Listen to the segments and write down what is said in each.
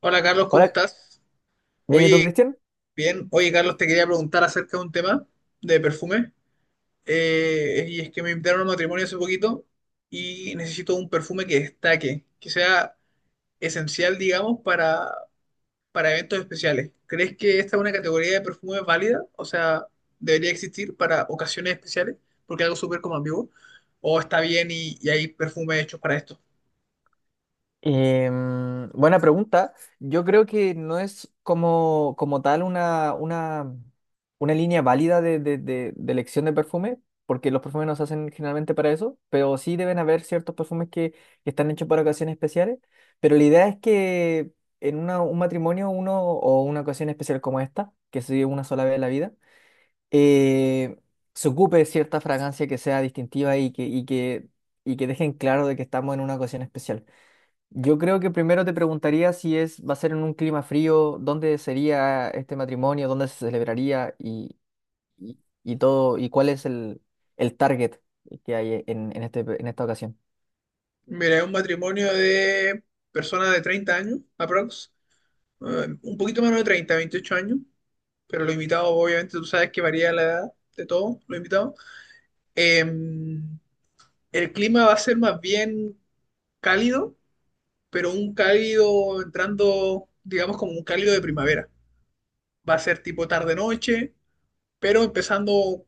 Hola Carlos, ¿cómo Hola, estás? bien, ¿y tú, Oye, Cristian? bien. Oye Carlos, te quería preguntar acerca de un tema de perfume. Y es que me invitaron a un matrimonio hace poquito y necesito un perfume que destaque, que sea esencial, digamos, para eventos especiales. ¿Crees que esta es una categoría de perfume válida? O sea, ¿debería existir para ocasiones especiales? Porque es algo súper como ambiguo. ¿O está bien y hay perfumes hechos para esto? Buena pregunta. Yo creo que no es como tal una línea válida de elección de perfume, porque los perfumes no se hacen generalmente para eso, pero sí deben haber ciertos perfumes que están hechos para ocasiones especiales. Pero la idea es que un matrimonio uno o una ocasión especial como esta, que se vive una sola vez en la vida, eh, se ocupe de cierta fragancia que sea distintiva y que dejen claro de que estamos en una ocasión especial. Yo creo que primero te preguntaría si es, va a ser en un clima frío, dónde sería este matrimonio, dónde se celebraría y, y todo, y cuál es el target que hay en esta ocasión. Mira, es un matrimonio de personas de 30 años, aprox un poquito menos de 30, 28 años, pero los invitados, obviamente, tú sabes que varía la edad de todos los invitados. Eh, el clima va a ser más bien cálido, pero un cálido entrando, digamos, como un cálido de primavera. Va a ser tipo tarde-noche, pero empezando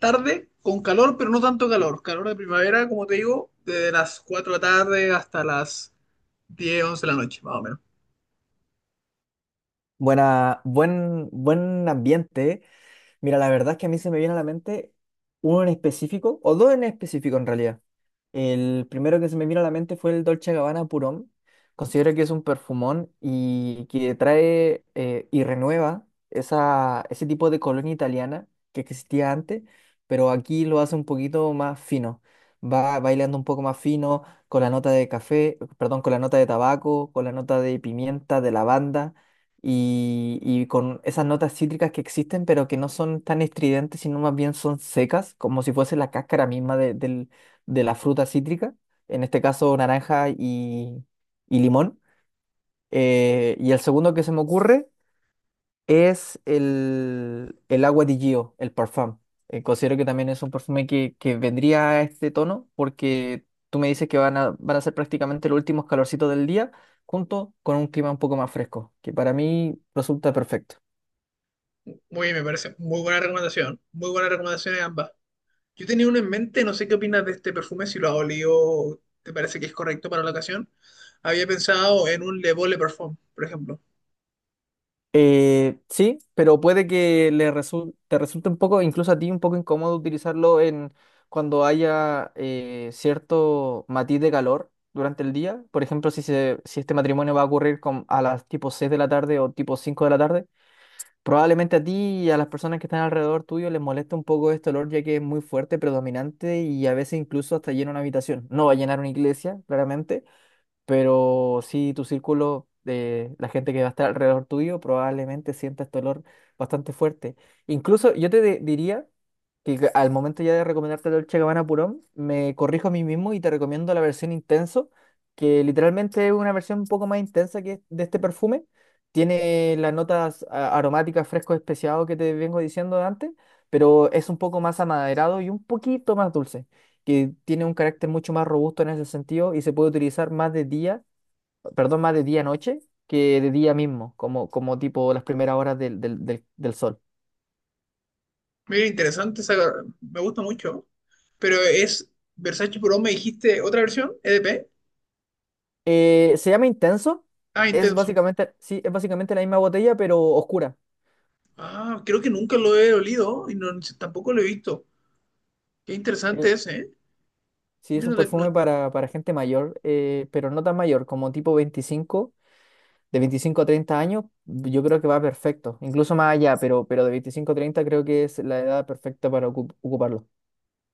tarde con calor, pero no tanto calor. Calor de primavera, como te digo, desde las 4 de la tarde hasta las 10, 11 de la noche, más o menos. Buen ambiente. Mira, la verdad es que a mí se me viene a la mente uno en específico, o dos en específico en realidad. El primero que se me vino a la mente fue el Dolce Gabbana Purón. Considero que es un perfumón y que trae y renueva ese tipo de colonia italiana que existía antes, pero aquí lo hace un poquito más fino. Va bailando un poco más fino con la nota de café, perdón, con la nota de tabaco, con la nota de pimienta, de lavanda y con esas notas cítricas que existen, pero que no son tan estridentes, sino más bien son secas, como si fuese la cáscara misma de la fruta cítrica, en este caso naranja y limón. Y el segundo que se me ocurre es el agua di Gio, el parfum. Considero que también es un perfume que vendría a este tono porque tú me dices que van a ser prácticamente los últimos calorcitos del día junto con un clima un poco más fresco, que para mí resulta perfecto. Muy bien, me parece muy buena recomendación. Muy buenas recomendaciones ambas. Yo tenía uno en mente, no sé qué opinas de este perfume, si lo has olido, ¿te parece que es correcto para la ocasión? Había pensado en un Le Beau Le Parfum, por ejemplo. Sí, pero puede que te resulte un poco, incluso a ti, un poco incómodo utilizarlo en cuando haya cierto matiz de calor durante el día. Por ejemplo, si este matrimonio va a ocurrir a las tipo 6 de la tarde o tipo 5 de la tarde, probablemente a ti y a las personas que están alrededor tuyo les molesta un poco este olor, ya que es muy fuerte, predominante y a veces incluso hasta llena una habitación. No va a llenar una iglesia, claramente, pero sí, tu círculo de la gente que va a estar alrededor tuyo probablemente sienta este olor bastante fuerte. Incluso yo te diría que al momento ya de recomendarte el Dolce Gabbana Purón, me corrijo a mí mismo y te recomiendo la versión Intenso, que literalmente es una versión un poco más intensa que de este perfume. Tiene las notas aromáticas fresco especiado que te vengo diciendo antes, pero es un poco más amaderado y un poquito más dulce que tiene un carácter mucho más robusto en ese sentido y se puede utilizar más de día, perdón, más de día-noche que de día mismo, como tipo las primeras horas del sol. Mira, interesante, me gusta mucho, pero es Versace Pro, me dijiste otra versión, EDP. Se llama Intenso, Ah, es intenso. básicamente, sí, es básicamente la misma botella, pero oscura. Ah, creo que nunca lo he olido y tampoco lo he visto. Qué Eh, interesante ese, ¿eh? sí, es Mira, un no, perfume para gente mayor, pero no tan mayor, como tipo 25, de 25 a 30 años, yo creo que va perfecto, incluso más allá, pero de 25 a 30 creo que es la edad perfecta para ocuparlo.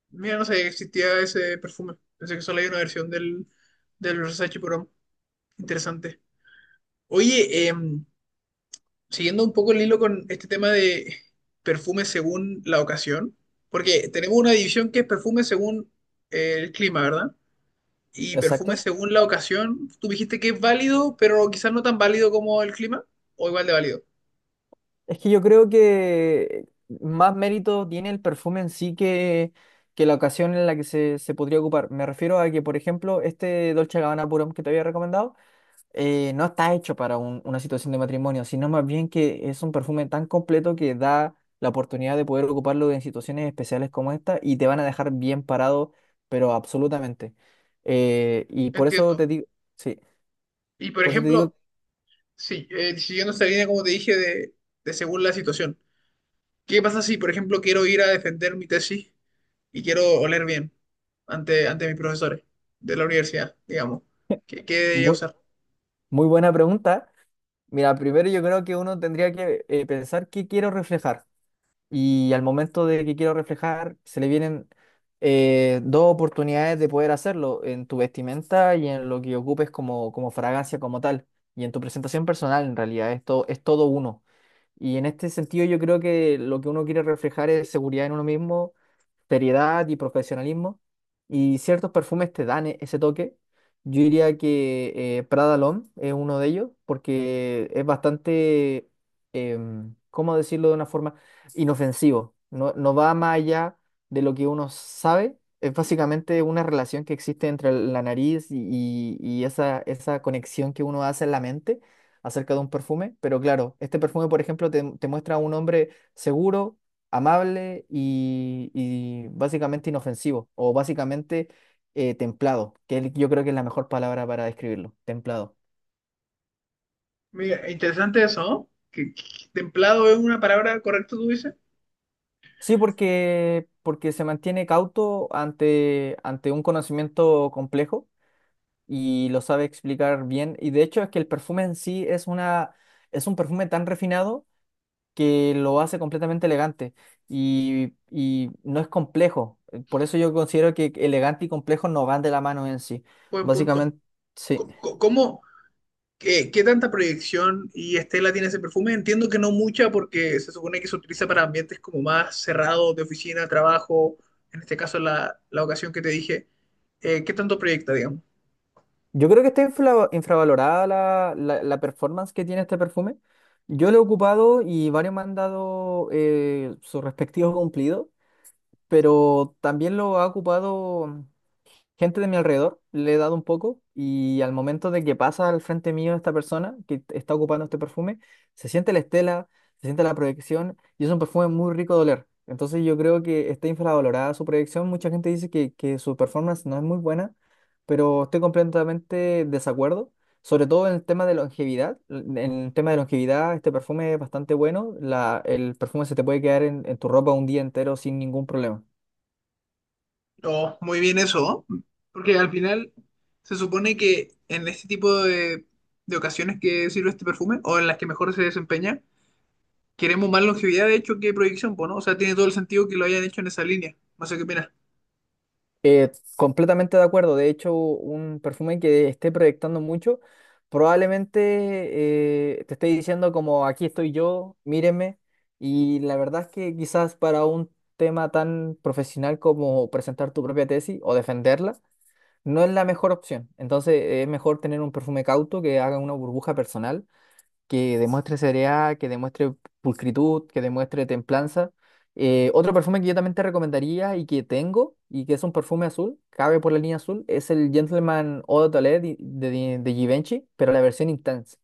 mira, no sabía que existía ese perfume. Pensé que solo hay una versión del Versace Pro. Interesante. Oye, siguiendo un poco el hilo con este tema de perfumes según la ocasión, porque tenemos una división que es perfume según el clima, ¿verdad? Y perfume Exacto. según la ocasión, tú dijiste que es válido, pero quizás no tan válido como el clima, o igual de válido. Es que yo creo que más mérito tiene el perfume en sí que la ocasión en la que se podría ocupar. Me refiero a que, por ejemplo, este Dolce Gabbana Purón que te había recomendado no está hecho para una situación de matrimonio, sino más bien que es un perfume tan completo que da la oportunidad de poder ocuparlo en situaciones especiales como esta y te van a dejar bien parado, pero absolutamente. Y por eso Entiendo. te digo, sí, Y por por eso te digo, ejemplo, sí, siguiendo esta línea, como te dije, de según la situación. ¿Qué pasa si, por ejemplo, quiero ir a defender mi tesis y quiero oler bien ante mis profesores de la universidad, digamos? ¿Qué debería muy, usar? muy buena pregunta. Mira, primero yo creo que uno tendría que pensar qué quiero reflejar. Y al momento de que quiero reflejar, se le vienen dos oportunidades de poder hacerlo, en tu vestimenta y en lo que ocupes como fragancia como tal, y en tu presentación personal en realidad, esto es todo uno. Y en este sentido yo creo que lo que uno quiere reflejar es seguridad en uno mismo, seriedad y profesionalismo. Y ciertos perfumes te dan ese toque. Yo diría que Prada L'Homme es uno de ellos porque es bastante, ¿cómo decirlo de una forma? Inofensivo. No, no va más allá de lo que uno sabe. Es básicamente una relación que existe entre la nariz y esa conexión que uno hace en la mente acerca de un perfume. Pero claro, este perfume, por ejemplo, te muestra a un hombre seguro, amable y básicamente inofensivo o básicamente templado, yo creo que es la mejor palabra para describirlo, templado. Mira, interesante eso, ¿no? Templado es una palabra correcta, tú dices. Sí, porque se mantiene cauto ante un conocimiento complejo y lo sabe explicar bien. Y de hecho es que el perfume en sí es un perfume tan refinado que lo hace completamente elegante y no es complejo. Por eso yo considero que elegante y complejo no van de la mano en sí. Buen punto. Básicamente, sí. ¿Cómo, qué tanta proyección y estela tiene ese perfume? Entiendo que no mucha porque se supone que se utiliza para ambientes como más cerrados de oficina, trabajo, en este caso la ocasión que te dije. ¿Qué tanto proyecta, digamos? Yo creo que está infravalorada la performance que tiene este perfume. Yo lo he ocupado y varios me han dado sus respectivos cumplidos, pero también lo ha ocupado gente de mi alrededor, le he dado un poco y al momento de que pasa al frente mío esta persona que está ocupando este perfume, se siente la estela, se siente la proyección y es un perfume muy rico de oler. Entonces yo creo que está infravalorada su proyección. Mucha gente dice que su performance no es muy buena, pero estoy completamente desacuerdo. Sobre todo en el tema de longevidad. En el tema de longevidad, este perfume es bastante bueno. El perfume se te puede quedar en tu ropa un día entero sin ningún problema. Oh, muy bien eso, ¿no? Porque al final se supone que en este tipo de ocasiones que sirve este perfume o en las que mejor se desempeña, queremos más longevidad, de hecho, que proyección, pues, ¿no? O sea, tiene todo el sentido que lo hayan hecho en esa línea. No sé qué opinas. Completamente de acuerdo. De hecho, un perfume que esté proyectando mucho probablemente te esté diciendo como aquí estoy yo, míreme. Y la verdad es que quizás para un tema tan profesional como presentar tu propia tesis o defenderla, no es la mejor opción. Entonces, es mejor tener un perfume cauto que haga una burbuja personal que demuestre seriedad, que demuestre pulcritud, que demuestre templanza. Otro perfume que yo también te recomendaría y que tengo, y que es un perfume azul, cabe por la línea azul, es el Gentleman Eau de Toilette de Givenchy, pero la versión Intense.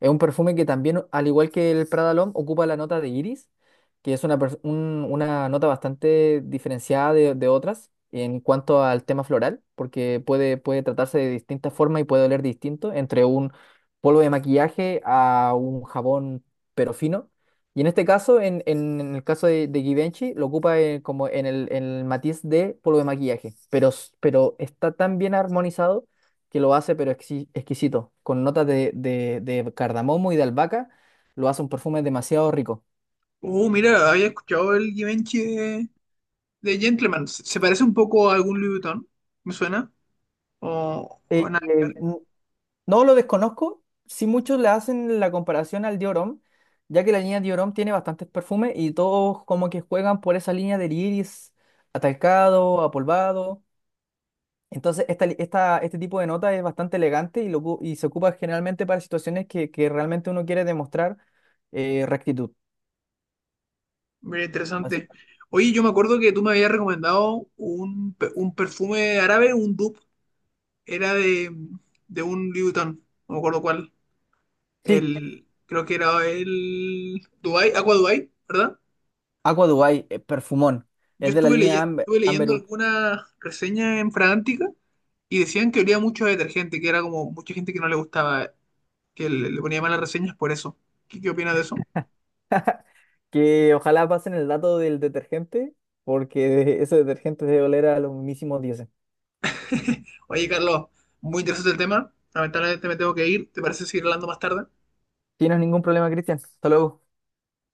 Es un perfume que también, al igual que el Prada L'Homme, ocupa la nota de iris, que es una nota bastante diferenciada de otras en cuanto al tema floral, porque puede tratarse de distintas formas y puede oler distinto entre un polvo de maquillaje a un jabón pero fino. Y en este caso, en el caso de Givenchy, lo ocupa como en el matiz de polvo de maquillaje, pero está tan bien armonizado que lo hace, pero exquisito, con notas de cardamomo y de albahaca, lo hace un perfume demasiado rico. Oh, mira, había escuchado el Givenchy de Gentleman. ¿Se parece un poco a algún Louis Vuitton? ¿Me suena? O Eh, nada eh, que ver. n- no lo desconozco, si muchos le hacen la comparación al Dior Homme, ya que la línea Dior Homme tiene bastantes perfumes y todos como que juegan por esa línea del iris atalcado, apolvado. Entonces, este tipo de nota es bastante elegante y se ocupa generalmente para situaciones que realmente uno quiere demostrar rectitud. Mira, Así- interesante. Oye, yo me acuerdo que tú me habías recomendado un, un perfume árabe, un dupe. Era de un Louis Vuitton. No me acuerdo cuál. Sí, El, creo que era el Dubai, Aqua Dubai, ¿verdad? Aqua Dubai, perfumón. Yo Es de la estuve, línea Amber, estuve leyendo Amberwood. algunas reseñas en Fragántica y decían que olía mucho a detergente, que era como mucha gente que no le gustaba, que le ponía malas reseñas por eso. ¿Qué opinas de eso? Que ojalá pasen el dato del detergente, porque ese detergente debe oler a los mismísimos dioses. Oye, Carlos, muy interesante el tema. Lamentablemente me tengo que ir. ¿Te parece seguir hablando más tarde? ¿Tienes ningún problema, Cristian? Hasta luego.